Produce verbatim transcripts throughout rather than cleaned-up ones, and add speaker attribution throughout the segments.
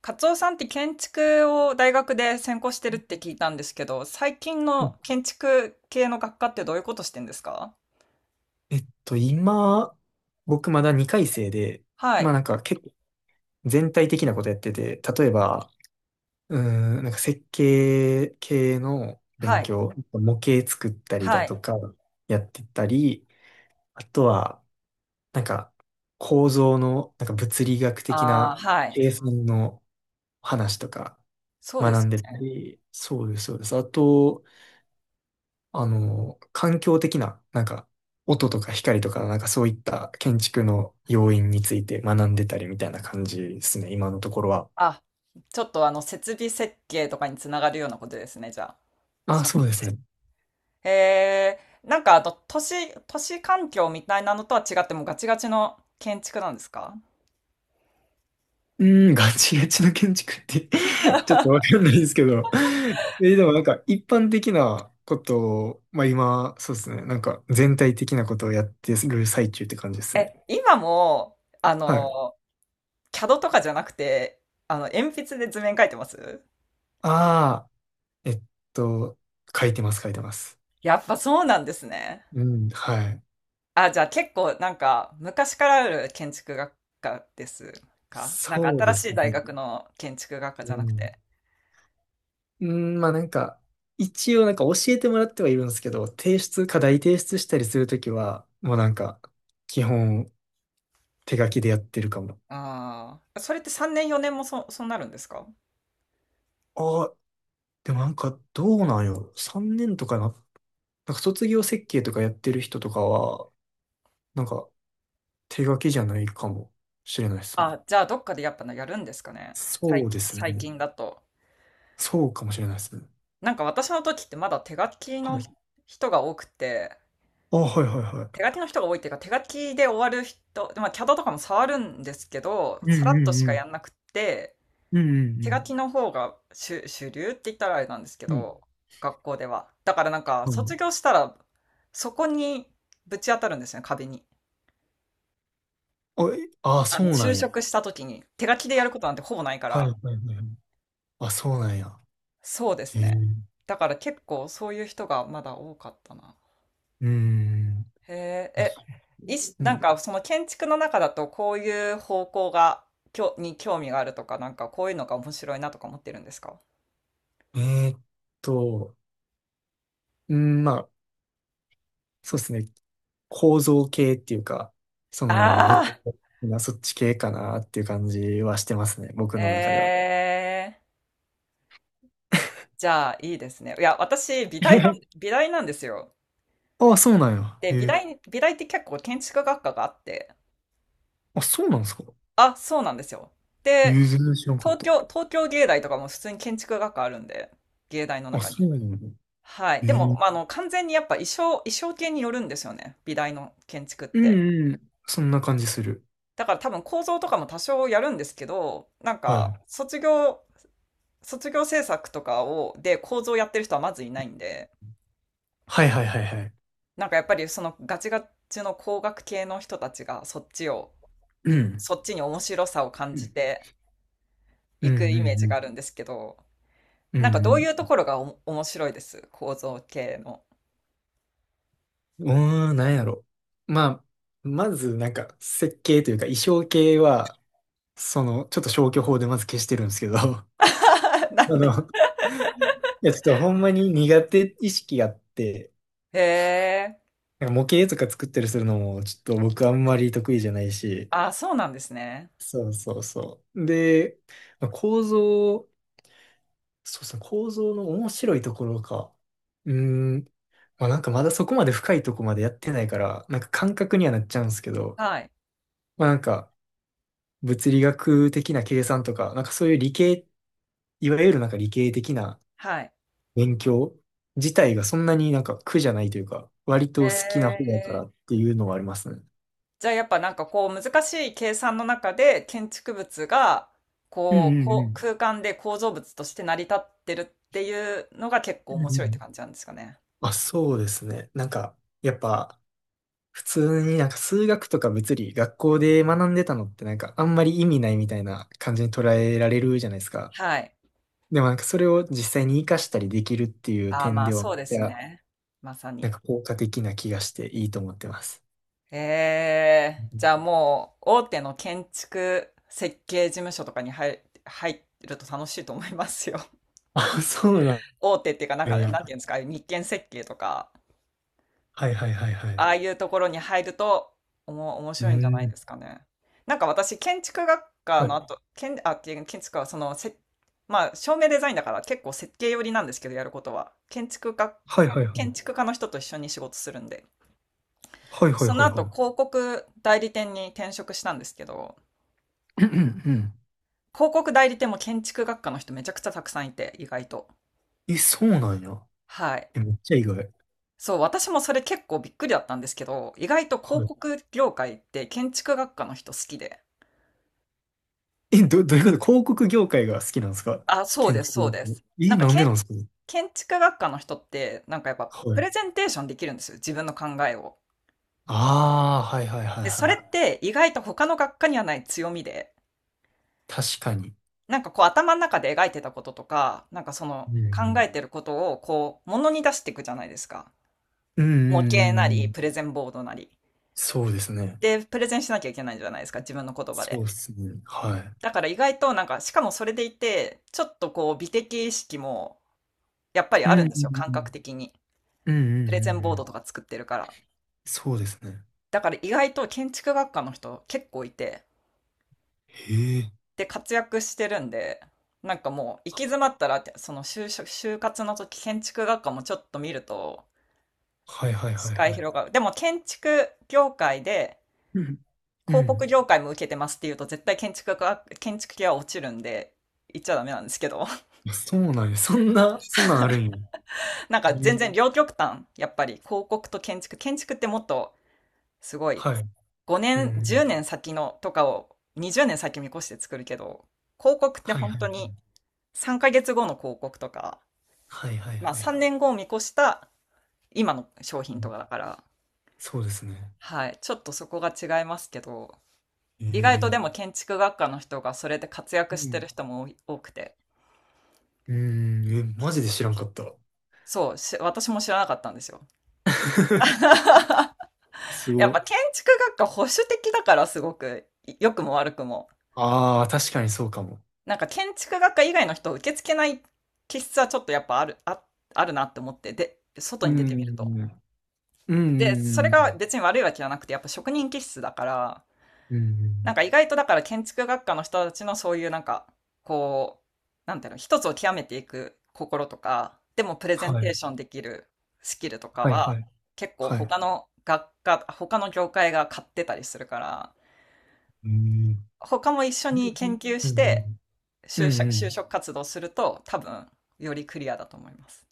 Speaker 1: カツオさんって建築を大学で専攻してるって聞いたんですけど、最近
Speaker 2: え
Speaker 1: の建築系の学科ってどういうことしてんですか？
Speaker 2: っと、今、僕まだにかい生で、
Speaker 1: は
Speaker 2: まあ
Speaker 1: い、
Speaker 2: なんか結構全体的なことやってて、例えば、うーん、なんか設計系の
Speaker 1: は
Speaker 2: 勉
Speaker 1: い、
Speaker 2: 強、模型作ったり
Speaker 1: は
Speaker 2: だと
Speaker 1: い。
Speaker 2: かやってたり、あとは、なんか構造の、なんか物理学的
Speaker 1: ああ、
Speaker 2: な
Speaker 1: はい。
Speaker 2: 計算の話とか
Speaker 1: そうで
Speaker 2: 学ん
Speaker 1: す
Speaker 2: でた
Speaker 1: ね。
Speaker 2: り、そうです、そうです。あと、あの、環境的な、なんか、音とか光とか、なんかそういった建築の要因について学んでたりみたいな感じですね、今のところは。
Speaker 1: あ、ちょっとあの、設備設計とかにつながるようなことですね、じゃあ。
Speaker 2: あ、
Speaker 1: そ
Speaker 2: そ
Speaker 1: の
Speaker 2: う
Speaker 1: う
Speaker 2: で
Speaker 1: ち。
Speaker 2: すね。
Speaker 1: ええ、なんかあと、都市、都市環境みたいなのとは違ってもうガチガチの建築なんですか？
Speaker 2: うん、ガチガチの建築って ちょっとわかんないですけど。え、でもなんか一般的なことを、まあ今、そうですね、なんか全体的なことをやってる最中って感じですね。
Speaker 1: え、今も、あ
Speaker 2: はい。
Speaker 1: の、キャド とかじゃなくて、あの、鉛筆で図面描いてます？
Speaker 2: ああ、えっと、書いてます、書いてます。
Speaker 1: やっぱそうなんですね。
Speaker 2: うん、はい。
Speaker 1: あ、じゃあ結構なんか昔からある建築学科ですか？なんか
Speaker 2: そう
Speaker 1: 新
Speaker 2: で
Speaker 1: し
Speaker 2: す
Speaker 1: い大
Speaker 2: ね。
Speaker 1: 学の建築学科じ
Speaker 2: う
Speaker 1: ゃなく
Speaker 2: ん。
Speaker 1: て。
Speaker 2: うん、まあなんか、一応なんか教えてもらってはいるんですけど、提出、課題提出したりするときは、もうなんか、基本手書きでやってるかも。
Speaker 1: ああ、それってさんねんよねんもそ、そうなるんですか？
Speaker 2: ああ、でもなんかどうなんよ。さんねんとかな、なんか卒業設計とかやってる人とかは、なんか手書きじゃないかもしれないですね。
Speaker 1: あ、じゃあどっかでやっぱやるんですかね。最
Speaker 2: そう
Speaker 1: 近、
Speaker 2: です
Speaker 1: 最
Speaker 2: ね。
Speaker 1: 近だと。
Speaker 2: そうかもしれないですね。
Speaker 1: なんか私の時ってまだ手書き
Speaker 2: は
Speaker 1: の
Speaker 2: い。
Speaker 1: 人が多くて、
Speaker 2: あ、はいはいは
Speaker 1: 手書
Speaker 2: い。
Speaker 1: きの人が多いっていうか手書きで終わる人、まあキャドとかも触るんですけど、
Speaker 2: うんう
Speaker 1: さらっとし
Speaker 2: ん
Speaker 1: か
Speaker 2: う
Speaker 1: や
Speaker 2: ん。
Speaker 1: んなくて、
Speaker 2: うんう
Speaker 1: 手書き
Speaker 2: ん
Speaker 1: の方が主、主流って言ったらあれなんですけ
Speaker 2: うん。
Speaker 1: ど、学校では。だからなんか、
Speaker 2: うん。う
Speaker 1: 卒
Speaker 2: ん。
Speaker 1: 業したら、そこにぶち当たるんですよね、壁に。
Speaker 2: あ、えあ、
Speaker 1: あ
Speaker 2: そ
Speaker 1: の、
Speaker 2: うな
Speaker 1: 就
Speaker 2: んや。
Speaker 1: 職した時に、手書きでやることなんてほぼないか
Speaker 2: はいは
Speaker 1: ら。
Speaker 2: いはいはい。あ、そうなんや。
Speaker 1: そうです
Speaker 2: へえ。
Speaker 1: ね。
Speaker 2: う
Speaker 1: だから結構そういう人がまだ多かったな。
Speaker 2: ーん。
Speaker 1: へ
Speaker 2: まあ、
Speaker 1: え、え、いし、
Speaker 2: う
Speaker 1: なん
Speaker 2: ん。
Speaker 1: かその建築の中だとこういう方向が、きょ、に興味があるとか、なんかこういうのが面白いなとか思ってるんですか？
Speaker 2: えーっと、うん、まあ、そうですね。構造系っていうか、その、物理
Speaker 1: ああ
Speaker 2: 的なそっち系かなっていう感じはしてますね。
Speaker 1: ー、
Speaker 2: 僕の中で
Speaker 1: え
Speaker 2: は。
Speaker 1: え、じゃあ、いいですね。いや、私、美大なん、美大なんですよ。
Speaker 2: あ、そうなんや。
Speaker 1: で、
Speaker 2: え
Speaker 1: 美
Speaker 2: ー、
Speaker 1: 大、美大って結構建築学科があって、
Speaker 2: あ、そうなんですか。
Speaker 1: あ、そうなんですよ。
Speaker 2: えー、
Speaker 1: で、
Speaker 2: 全然知らんかっ
Speaker 1: 東
Speaker 2: た。
Speaker 1: 京、東京芸大とかも普通に建築学科あるんで、芸大の
Speaker 2: あ、
Speaker 1: 中に。
Speaker 2: そうなんや。
Speaker 1: はい。
Speaker 2: え
Speaker 1: でも、
Speaker 2: ー、
Speaker 1: まあ、あの、完全にやっぱ衣装、衣装系によるんですよね。美大の建築っ
Speaker 2: うん
Speaker 1: て。
Speaker 2: うん。そんな感じする。
Speaker 1: だから多分構造とかも多少やるんですけど、なん
Speaker 2: はい。
Speaker 1: か、卒業、卒業制作とかを、で構造やってる人はまずいないんで、
Speaker 2: はいはいはいはい。
Speaker 1: なんかやっぱりそのガチガチの工学系の人たちがそっちを、
Speaker 2: うん。
Speaker 1: そっちに面白さを感
Speaker 2: う
Speaker 1: じ
Speaker 2: ん
Speaker 1: て
Speaker 2: う
Speaker 1: いく
Speaker 2: ん
Speaker 1: イメージ
Speaker 2: う
Speaker 1: が
Speaker 2: ん。
Speaker 1: あるんですけど、
Speaker 2: うん
Speaker 1: なんかどういう
Speaker 2: う
Speaker 1: と
Speaker 2: ん
Speaker 1: ころがお面白いです構造系の？
Speaker 2: うーん、なんやろ。まあ、まず、なんか、設計というか、衣装系は、その、ちょっと消去法でまず消してるんですけど、あ
Speaker 1: なんで。
Speaker 2: の、いや、ちょっとほんまに苦手意識があって、
Speaker 1: へえ。
Speaker 2: なんか模型とか作ったりするのも、ちょっと僕あんまり得意じゃないし、
Speaker 1: あ、そうなんですね。
Speaker 2: そうそうそう。で、まあ構造、そうそう、構造の面白いところか。うーん、まあなんかまだそこまで深いとこまでやってないから、なんか感覚にはなっちゃうんですけど、
Speaker 1: はい。
Speaker 2: まあなんか、物理学的な計算とか、なんかそういう理系、いわゆるなんか理系的な
Speaker 1: はい。
Speaker 2: 勉強自体がそんなになんか苦じゃないというか、割と
Speaker 1: へ
Speaker 2: 好きな方だから
Speaker 1: え。
Speaker 2: っていうのはありますね。
Speaker 1: じゃあやっぱなんかこう難しい計算の中で建築物が
Speaker 2: うん
Speaker 1: こう、
Speaker 2: うんう
Speaker 1: こう
Speaker 2: ん。
Speaker 1: 空間で構造物として成り立ってるっていうのが結構
Speaker 2: うんう
Speaker 1: 面白いって
Speaker 2: ん。
Speaker 1: 感じなんですかね。
Speaker 2: まあそうですね。なんか、やっぱ、普通になんか数学とか物理、学校で学んでたのってなんかあんまり意味ないみたいな感じに捉えられるじゃないですか。
Speaker 1: はい。
Speaker 2: でもなんかそれを実際に活かしたりできるっていう
Speaker 1: ああ、
Speaker 2: 点
Speaker 1: まあ
Speaker 2: では、め
Speaker 1: そ
Speaker 2: っ
Speaker 1: うで
Speaker 2: ち
Speaker 1: す
Speaker 2: ゃ
Speaker 1: ね。まさ
Speaker 2: なん
Speaker 1: に。
Speaker 2: か効果的な気がしていいと思ってます。
Speaker 1: ええ、じゃあもう大手の建築設計事務所とかに入、入ると楽しいと思いますよ。
Speaker 2: あ、そうな
Speaker 1: 大手っていうか、なん
Speaker 2: ん
Speaker 1: か、
Speaker 2: や。
Speaker 1: なんていうんですか、日建設計とか、
Speaker 2: はいはいはいはい。
Speaker 1: あ
Speaker 2: う
Speaker 1: あいうところに入るとおも面
Speaker 2: ー
Speaker 1: 白いんじゃない
Speaker 2: ん。
Speaker 1: ですかね。なんか私建築学科
Speaker 2: は
Speaker 1: の
Speaker 2: い。
Speaker 1: 後、建、あ、建建築はそのせ、まあ照明デザインだから結構設計寄りなんですけどやることは建築学、
Speaker 2: はいはいは
Speaker 1: 建
Speaker 2: い。
Speaker 1: 築家の人と一緒に仕事するんで、
Speaker 2: はいはい
Speaker 1: その
Speaker 2: はいは
Speaker 1: 後
Speaker 2: い。
Speaker 1: 広告代理店に転職したんですけど、
Speaker 2: うんうん。
Speaker 1: 広告代理店も建築学科の人めちゃくちゃたくさんいて意外と。
Speaker 2: え、そうなんや。
Speaker 1: はい。
Speaker 2: え、めっちゃ意外。
Speaker 1: そう、私もそれ結構びっくりだったんですけど、意外と
Speaker 2: は
Speaker 1: 広
Speaker 2: い。
Speaker 1: 告業界って建築学科の人好きで。
Speaker 2: え、ど、どういうこと広告業界が好きなんですか？
Speaker 1: あ、そうで
Speaker 2: 建
Speaker 1: す、そう
Speaker 2: 築。
Speaker 1: です。な
Speaker 2: え、
Speaker 1: んか、け
Speaker 2: なんでなん
Speaker 1: 建ん
Speaker 2: ですか？
Speaker 1: 建築学科の人って、なんかやっぱ、
Speaker 2: は
Speaker 1: プ
Speaker 2: い。
Speaker 1: レゼンテーションできるんですよ、自分の考えを。
Speaker 2: ああ、はいはいはい
Speaker 1: で、そ
Speaker 2: は
Speaker 1: れ
Speaker 2: い。
Speaker 1: って意外と他の学科にはない強みで、
Speaker 2: 確かに。
Speaker 1: なんかこう頭の中で描いてたこととか、なんかそ
Speaker 2: う
Speaker 1: の考
Speaker 2: ん。
Speaker 1: えてることをこう、ものに出していくじゃないですか。
Speaker 2: うんう
Speaker 1: 模型
Speaker 2: んうんう
Speaker 1: なり、
Speaker 2: ん、
Speaker 1: プレゼンボードなり。
Speaker 2: そうですね。
Speaker 1: で、プレゼンしなきゃいけないじゃないですか、自分の言葉
Speaker 2: そ
Speaker 1: で。
Speaker 2: うですね。はい。
Speaker 1: だから意外となんか、しかもそれでいて、ちょっとこう、美的意識もやっぱり
Speaker 2: う
Speaker 1: ある
Speaker 2: ん
Speaker 1: んで
Speaker 2: う
Speaker 1: すよ、感覚
Speaker 2: ん
Speaker 1: 的に。
Speaker 2: うん。うん
Speaker 1: プ
Speaker 2: う
Speaker 1: レゼン
Speaker 2: んう
Speaker 1: ボー
Speaker 2: んう
Speaker 1: ド
Speaker 2: ん。
Speaker 1: とか作ってるから。
Speaker 2: そうですね。
Speaker 1: だから意外と建築学科の人結構いて、
Speaker 2: へえ。
Speaker 1: で、活躍してるんで、なんかもう行き詰まったらその就職、就活の時建築学科もちょっと見ると
Speaker 2: はいはいは
Speaker 1: 視
Speaker 2: い
Speaker 1: 界
Speaker 2: はい。
Speaker 1: 広がる。でも建築業界で
Speaker 2: うん。う
Speaker 1: 広告
Speaker 2: ん。
Speaker 1: 業界も受けてますっていうと絶対建築学、建築系は落ちるんで、言っちゃダメなんですけど
Speaker 2: あ、そうなんや。そんな、そんなんあるんや。
Speaker 1: なんか全
Speaker 2: え、
Speaker 1: 然両極端、やっぱり広告と建築、建築ってもっとすごい
Speaker 2: はい。う
Speaker 1: ごねん、10
Speaker 2: ん。
Speaker 1: 年先のとかをにじゅうねん先見越して作るけど、広告って
Speaker 2: はい
Speaker 1: 本
Speaker 2: はい
Speaker 1: 当
Speaker 2: は
Speaker 1: に
Speaker 2: い。
Speaker 1: さんかげつごの広告とか、
Speaker 2: はいはい
Speaker 1: まあ
Speaker 2: はい。
Speaker 1: さんねんごを見越した今の商品
Speaker 2: う
Speaker 1: と
Speaker 2: ん、
Speaker 1: かだから、
Speaker 2: そうですね。
Speaker 1: はい、ちょっとそこが違いますけど、
Speaker 2: え
Speaker 1: 意外とでも
Speaker 2: え。
Speaker 1: 建築学科の人がそれで活躍
Speaker 2: う
Speaker 1: して
Speaker 2: ん。
Speaker 1: る人も多くて、
Speaker 2: うん。え、マジで知らんかった。
Speaker 1: そう、し私も知らなかったんですよ。
Speaker 2: す
Speaker 1: や
Speaker 2: ご
Speaker 1: っぱ
Speaker 2: い。
Speaker 1: 建築学科保守的だからすごく、良くも悪くも。
Speaker 2: ああ、確かにそうかも。
Speaker 1: なんか建築学科以外の人を受け付けない気質はちょっとやっぱある、あ、あるなって思って、で、外
Speaker 2: う
Speaker 1: に出てみると。
Speaker 2: ん。うん。
Speaker 1: で、それ
Speaker 2: う
Speaker 1: が
Speaker 2: ん。
Speaker 1: 別に悪いわけじゃなくて、やっぱ職人気質だから、
Speaker 2: う
Speaker 1: なん
Speaker 2: ん。
Speaker 1: か意外とだから建築学科の人たちのそういうなんか、こう、なんていうの、一つを極めていく心とか、でもプレゼ
Speaker 2: は
Speaker 1: ンテ
Speaker 2: い。
Speaker 1: ーションできるスキルとか
Speaker 2: はい
Speaker 1: は、
Speaker 2: はい。
Speaker 1: 結構
Speaker 2: はい。
Speaker 1: 他の学科、他の業界が買ってたりするから、
Speaker 2: うん。
Speaker 1: 他も一緒に
Speaker 2: う
Speaker 1: 研
Speaker 2: ん。
Speaker 1: 究して
Speaker 2: うん。
Speaker 1: 就職、
Speaker 2: う
Speaker 1: 就
Speaker 2: ん。
Speaker 1: 職活動すると多分よりクリアだと思います。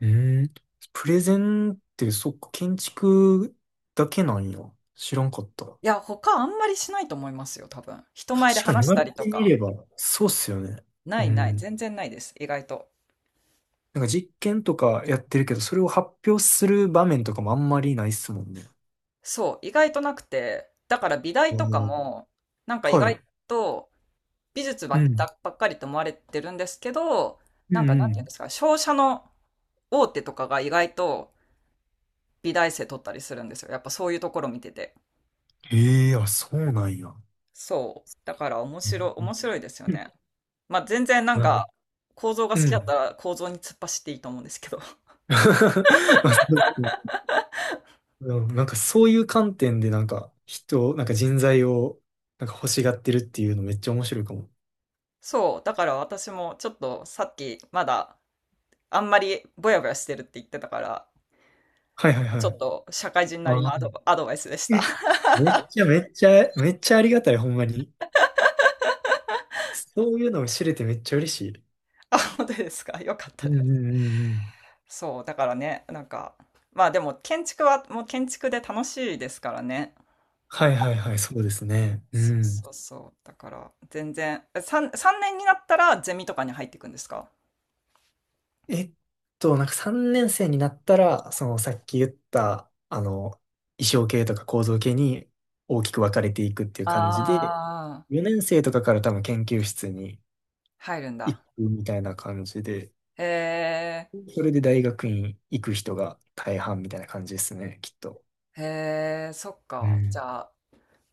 Speaker 2: うーん。プレゼンって、そっか、建築だけなんや。知らんかった。
Speaker 1: いや、他あんまりしないと思いますよ、多分。人前で
Speaker 2: 確かに
Speaker 1: 話
Speaker 2: 言
Speaker 1: し
Speaker 2: われ
Speaker 1: たりと
Speaker 2: てみ
Speaker 1: か。
Speaker 2: れば、そうっすよね。う
Speaker 1: ないない、
Speaker 2: ん。
Speaker 1: 全然ないです、意外と。
Speaker 2: なんか実験とかやってるけど、それを発表する場面とかもあんまりないっすもんね。
Speaker 1: そう、意外となくて、だから美大
Speaker 2: お、
Speaker 1: とか
Speaker 2: ー
Speaker 1: も、なんか意外
Speaker 2: は
Speaker 1: と美術ば
Speaker 2: い。う
Speaker 1: っ
Speaker 2: ん。
Speaker 1: かばっかりと思われてるんですけど、
Speaker 2: うん
Speaker 1: なんか
Speaker 2: う
Speaker 1: なんていうんで
Speaker 2: ん。
Speaker 1: すか、商社の大手とかが意外と美大生取ったりするんですよ。やっぱそういうところ見てて。
Speaker 2: ええ、あ、そうなんや。う
Speaker 1: そう。だから面
Speaker 2: ん
Speaker 1: 白い、
Speaker 2: うん
Speaker 1: 面白いですよね。まあ全然なん
Speaker 2: うん
Speaker 1: か構造が
Speaker 2: う
Speaker 1: 好きだった
Speaker 2: ん。
Speaker 1: ら構造に突っ走っていいと思うんですけど。
Speaker 2: まあそうっすね。うん、なんかそういう観点でなんか人、なんか人材をなんか欲しがってるっていうのめっちゃ面白いかも。
Speaker 1: そう。だから私もちょっとさっきまだあんまりぼやぼやしてるって言ってたから、
Speaker 2: はいはい
Speaker 1: ち
Speaker 2: は
Speaker 1: ょ
Speaker 2: い。
Speaker 1: っと社会人なり
Speaker 2: あ
Speaker 1: の
Speaker 2: あ。
Speaker 1: アドバ、アドバイスでした。
Speaker 2: え、めっちゃめっちゃ、めっちゃありがたい、ほんまに。そういうのを知れてめっちゃ嬉しい。
Speaker 1: あ、本当ですか。よかっ
Speaker 2: う
Speaker 1: た
Speaker 2: ん
Speaker 1: で
Speaker 2: うん
Speaker 1: す。
Speaker 2: うんうん。
Speaker 1: そう、だからね、なんか、まあでも建築はもう建築で楽しいですからね。
Speaker 2: はいはいはい、そうですね。う
Speaker 1: そう
Speaker 2: ん。
Speaker 1: そうそう。だから全然、さん、さんねんになったらゼミとかに入っていくんですか？
Speaker 2: えっと、なんかさんねん生になったら、そのさっき言った、あの、衣装系とか構造系に大きく分かれていくっていう感じで、
Speaker 1: ああー、
Speaker 2: よねん生とかから多分研究室に
Speaker 1: 入るん
Speaker 2: 行
Speaker 1: だ。
Speaker 2: くみたいな感じで、
Speaker 1: へえ、
Speaker 2: それで大学院行く人が大半みたいな感じですね、きっと。
Speaker 1: へえ、そっ
Speaker 2: う
Speaker 1: か。じ
Speaker 2: ん、
Speaker 1: ゃあ、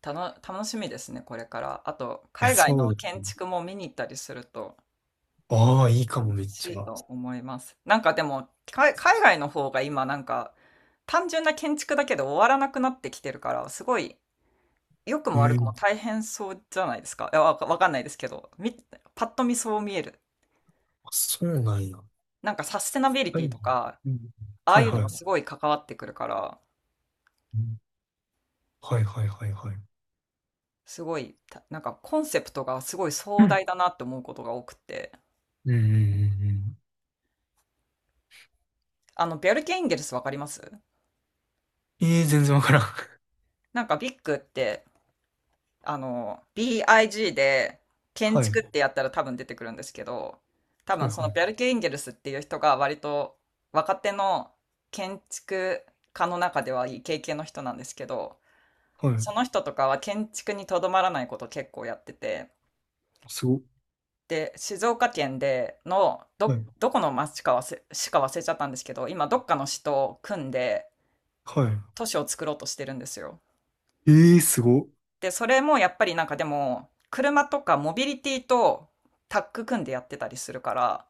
Speaker 1: たの、楽しみですね、これから。あと、
Speaker 2: いや、
Speaker 1: 海外
Speaker 2: そう
Speaker 1: の
Speaker 2: で
Speaker 1: 建
Speaker 2: す。
Speaker 1: 築も見に行ったりすると
Speaker 2: ああ、いいか
Speaker 1: 楽
Speaker 2: も、めっ
Speaker 1: し
Speaker 2: ち
Speaker 1: い
Speaker 2: ゃ。
Speaker 1: と思います。なんかでも、か海外の方が今なんか、単純な建築だけで終わらなくなってきてるから、すごい、良く
Speaker 2: う
Speaker 1: も悪くも
Speaker 2: ん。
Speaker 1: 大変そうじゃないですか。いや、わか、わかんないですけど、み、パッと見そう見える。
Speaker 2: あ、そうなんや。
Speaker 1: なんかサステナビリ
Speaker 2: は
Speaker 1: テ
Speaker 2: い。
Speaker 1: ィとか、
Speaker 2: うん。
Speaker 1: ああ
Speaker 2: はい
Speaker 1: いう
Speaker 2: は
Speaker 1: の
Speaker 2: い。
Speaker 1: が
Speaker 2: う
Speaker 1: すごい関わってくるから、
Speaker 2: ん、はいはいはいはい。
Speaker 1: すごい、たなんかコンセプトがすごい
Speaker 2: う
Speaker 1: 壮
Speaker 2: ん。
Speaker 1: 大だなって思うことが多くて。
Speaker 2: うんうんうん
Speaker 1: あの、ビャルケ・インゲルスわかります？
Speaker 2: うん。ええー、全然わからん。
Speaker 1: なんかビッグってあの、ビッグ で建
Speaker 2: はい。
Speaker 1: 築ってやったら多分出てくるんですけど、多
Speaker 2: はい
Speaker 1: 分そ
Speaker 2: は
Speaker 1: の
Speaker 2: い。
Speaker 1: ベルケ・インゲルスっていう人が割と若手の建築家の中ではいい経験の人なんですけど、
Speaker 2: は
Speaker 1: そ
Speaker 2: い。
Speaker 1: の人とかは建築にとどまらないことを結構やってて、
Speaker 2: すご。
Speaker 1: で、静岡県での
Speaker 2: は
Speaker 1: ど、
Speaker 2: い。
Speaker 1: どこの町かわせ市か忘れちゃったんですけど、今どっかの市と組んで
Speaker 2: は
Speaker 1: 都市を作ろうとしてるんですよ。
Speaker 2: い。ええー、すご。
Speaker 1: で、それもやっぱりなんかでも、車とかモビリティとタッグ組んでやってたりするから、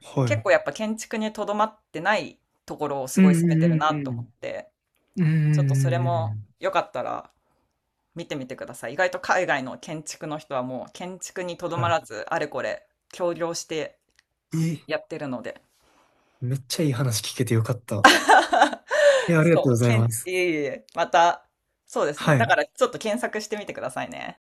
Speaker 2: は
Speaker 1: 結
Speaker 2: い。
Speaker 1: 構やっぱ建築にとどまってないところをす
Speaker 2: う
Speaker 1: ごい攻めてる
Speaker 2: んうん
Speaker 1: な
Speaker 2: う
Speaker 1: と
Speaker 2: んう
Speaker 1: 思っ
Speaker 2: ん。
Speaker 1: て、
Speaker 2: うんう
Speaker 1: ちょっとそれ
Speaker 2: んうん
Speaker 1: も
Speaker 2: うん。
Speaker 1: よかったら見てみてください。意外と海外の建築の人はもう建築にとど
Speaker 2: は
Speaker 1: ま
Speaker 2: い。
Speaker 1: らず、あれこれ協業して
Speaker 2: えー、
Speaker 1: やってるので。
Speaker 2: めっちゃいい話聞けてよかった。い や、ありがとう
Speaker 1: そ
Speaker 2: ご
Speaker 1: う、
Speaker 2: ざい
Speaker 1: 建
Speaker 2: ま
Speaker 1: 築、
Speaker 2: す。
Speaker 1: いえいえ、また、そうですね。
Speaker 2: は
Speaker 1: だ
Speaker 2: い。
Speaker 1: からちょっと検索してみてくださいね。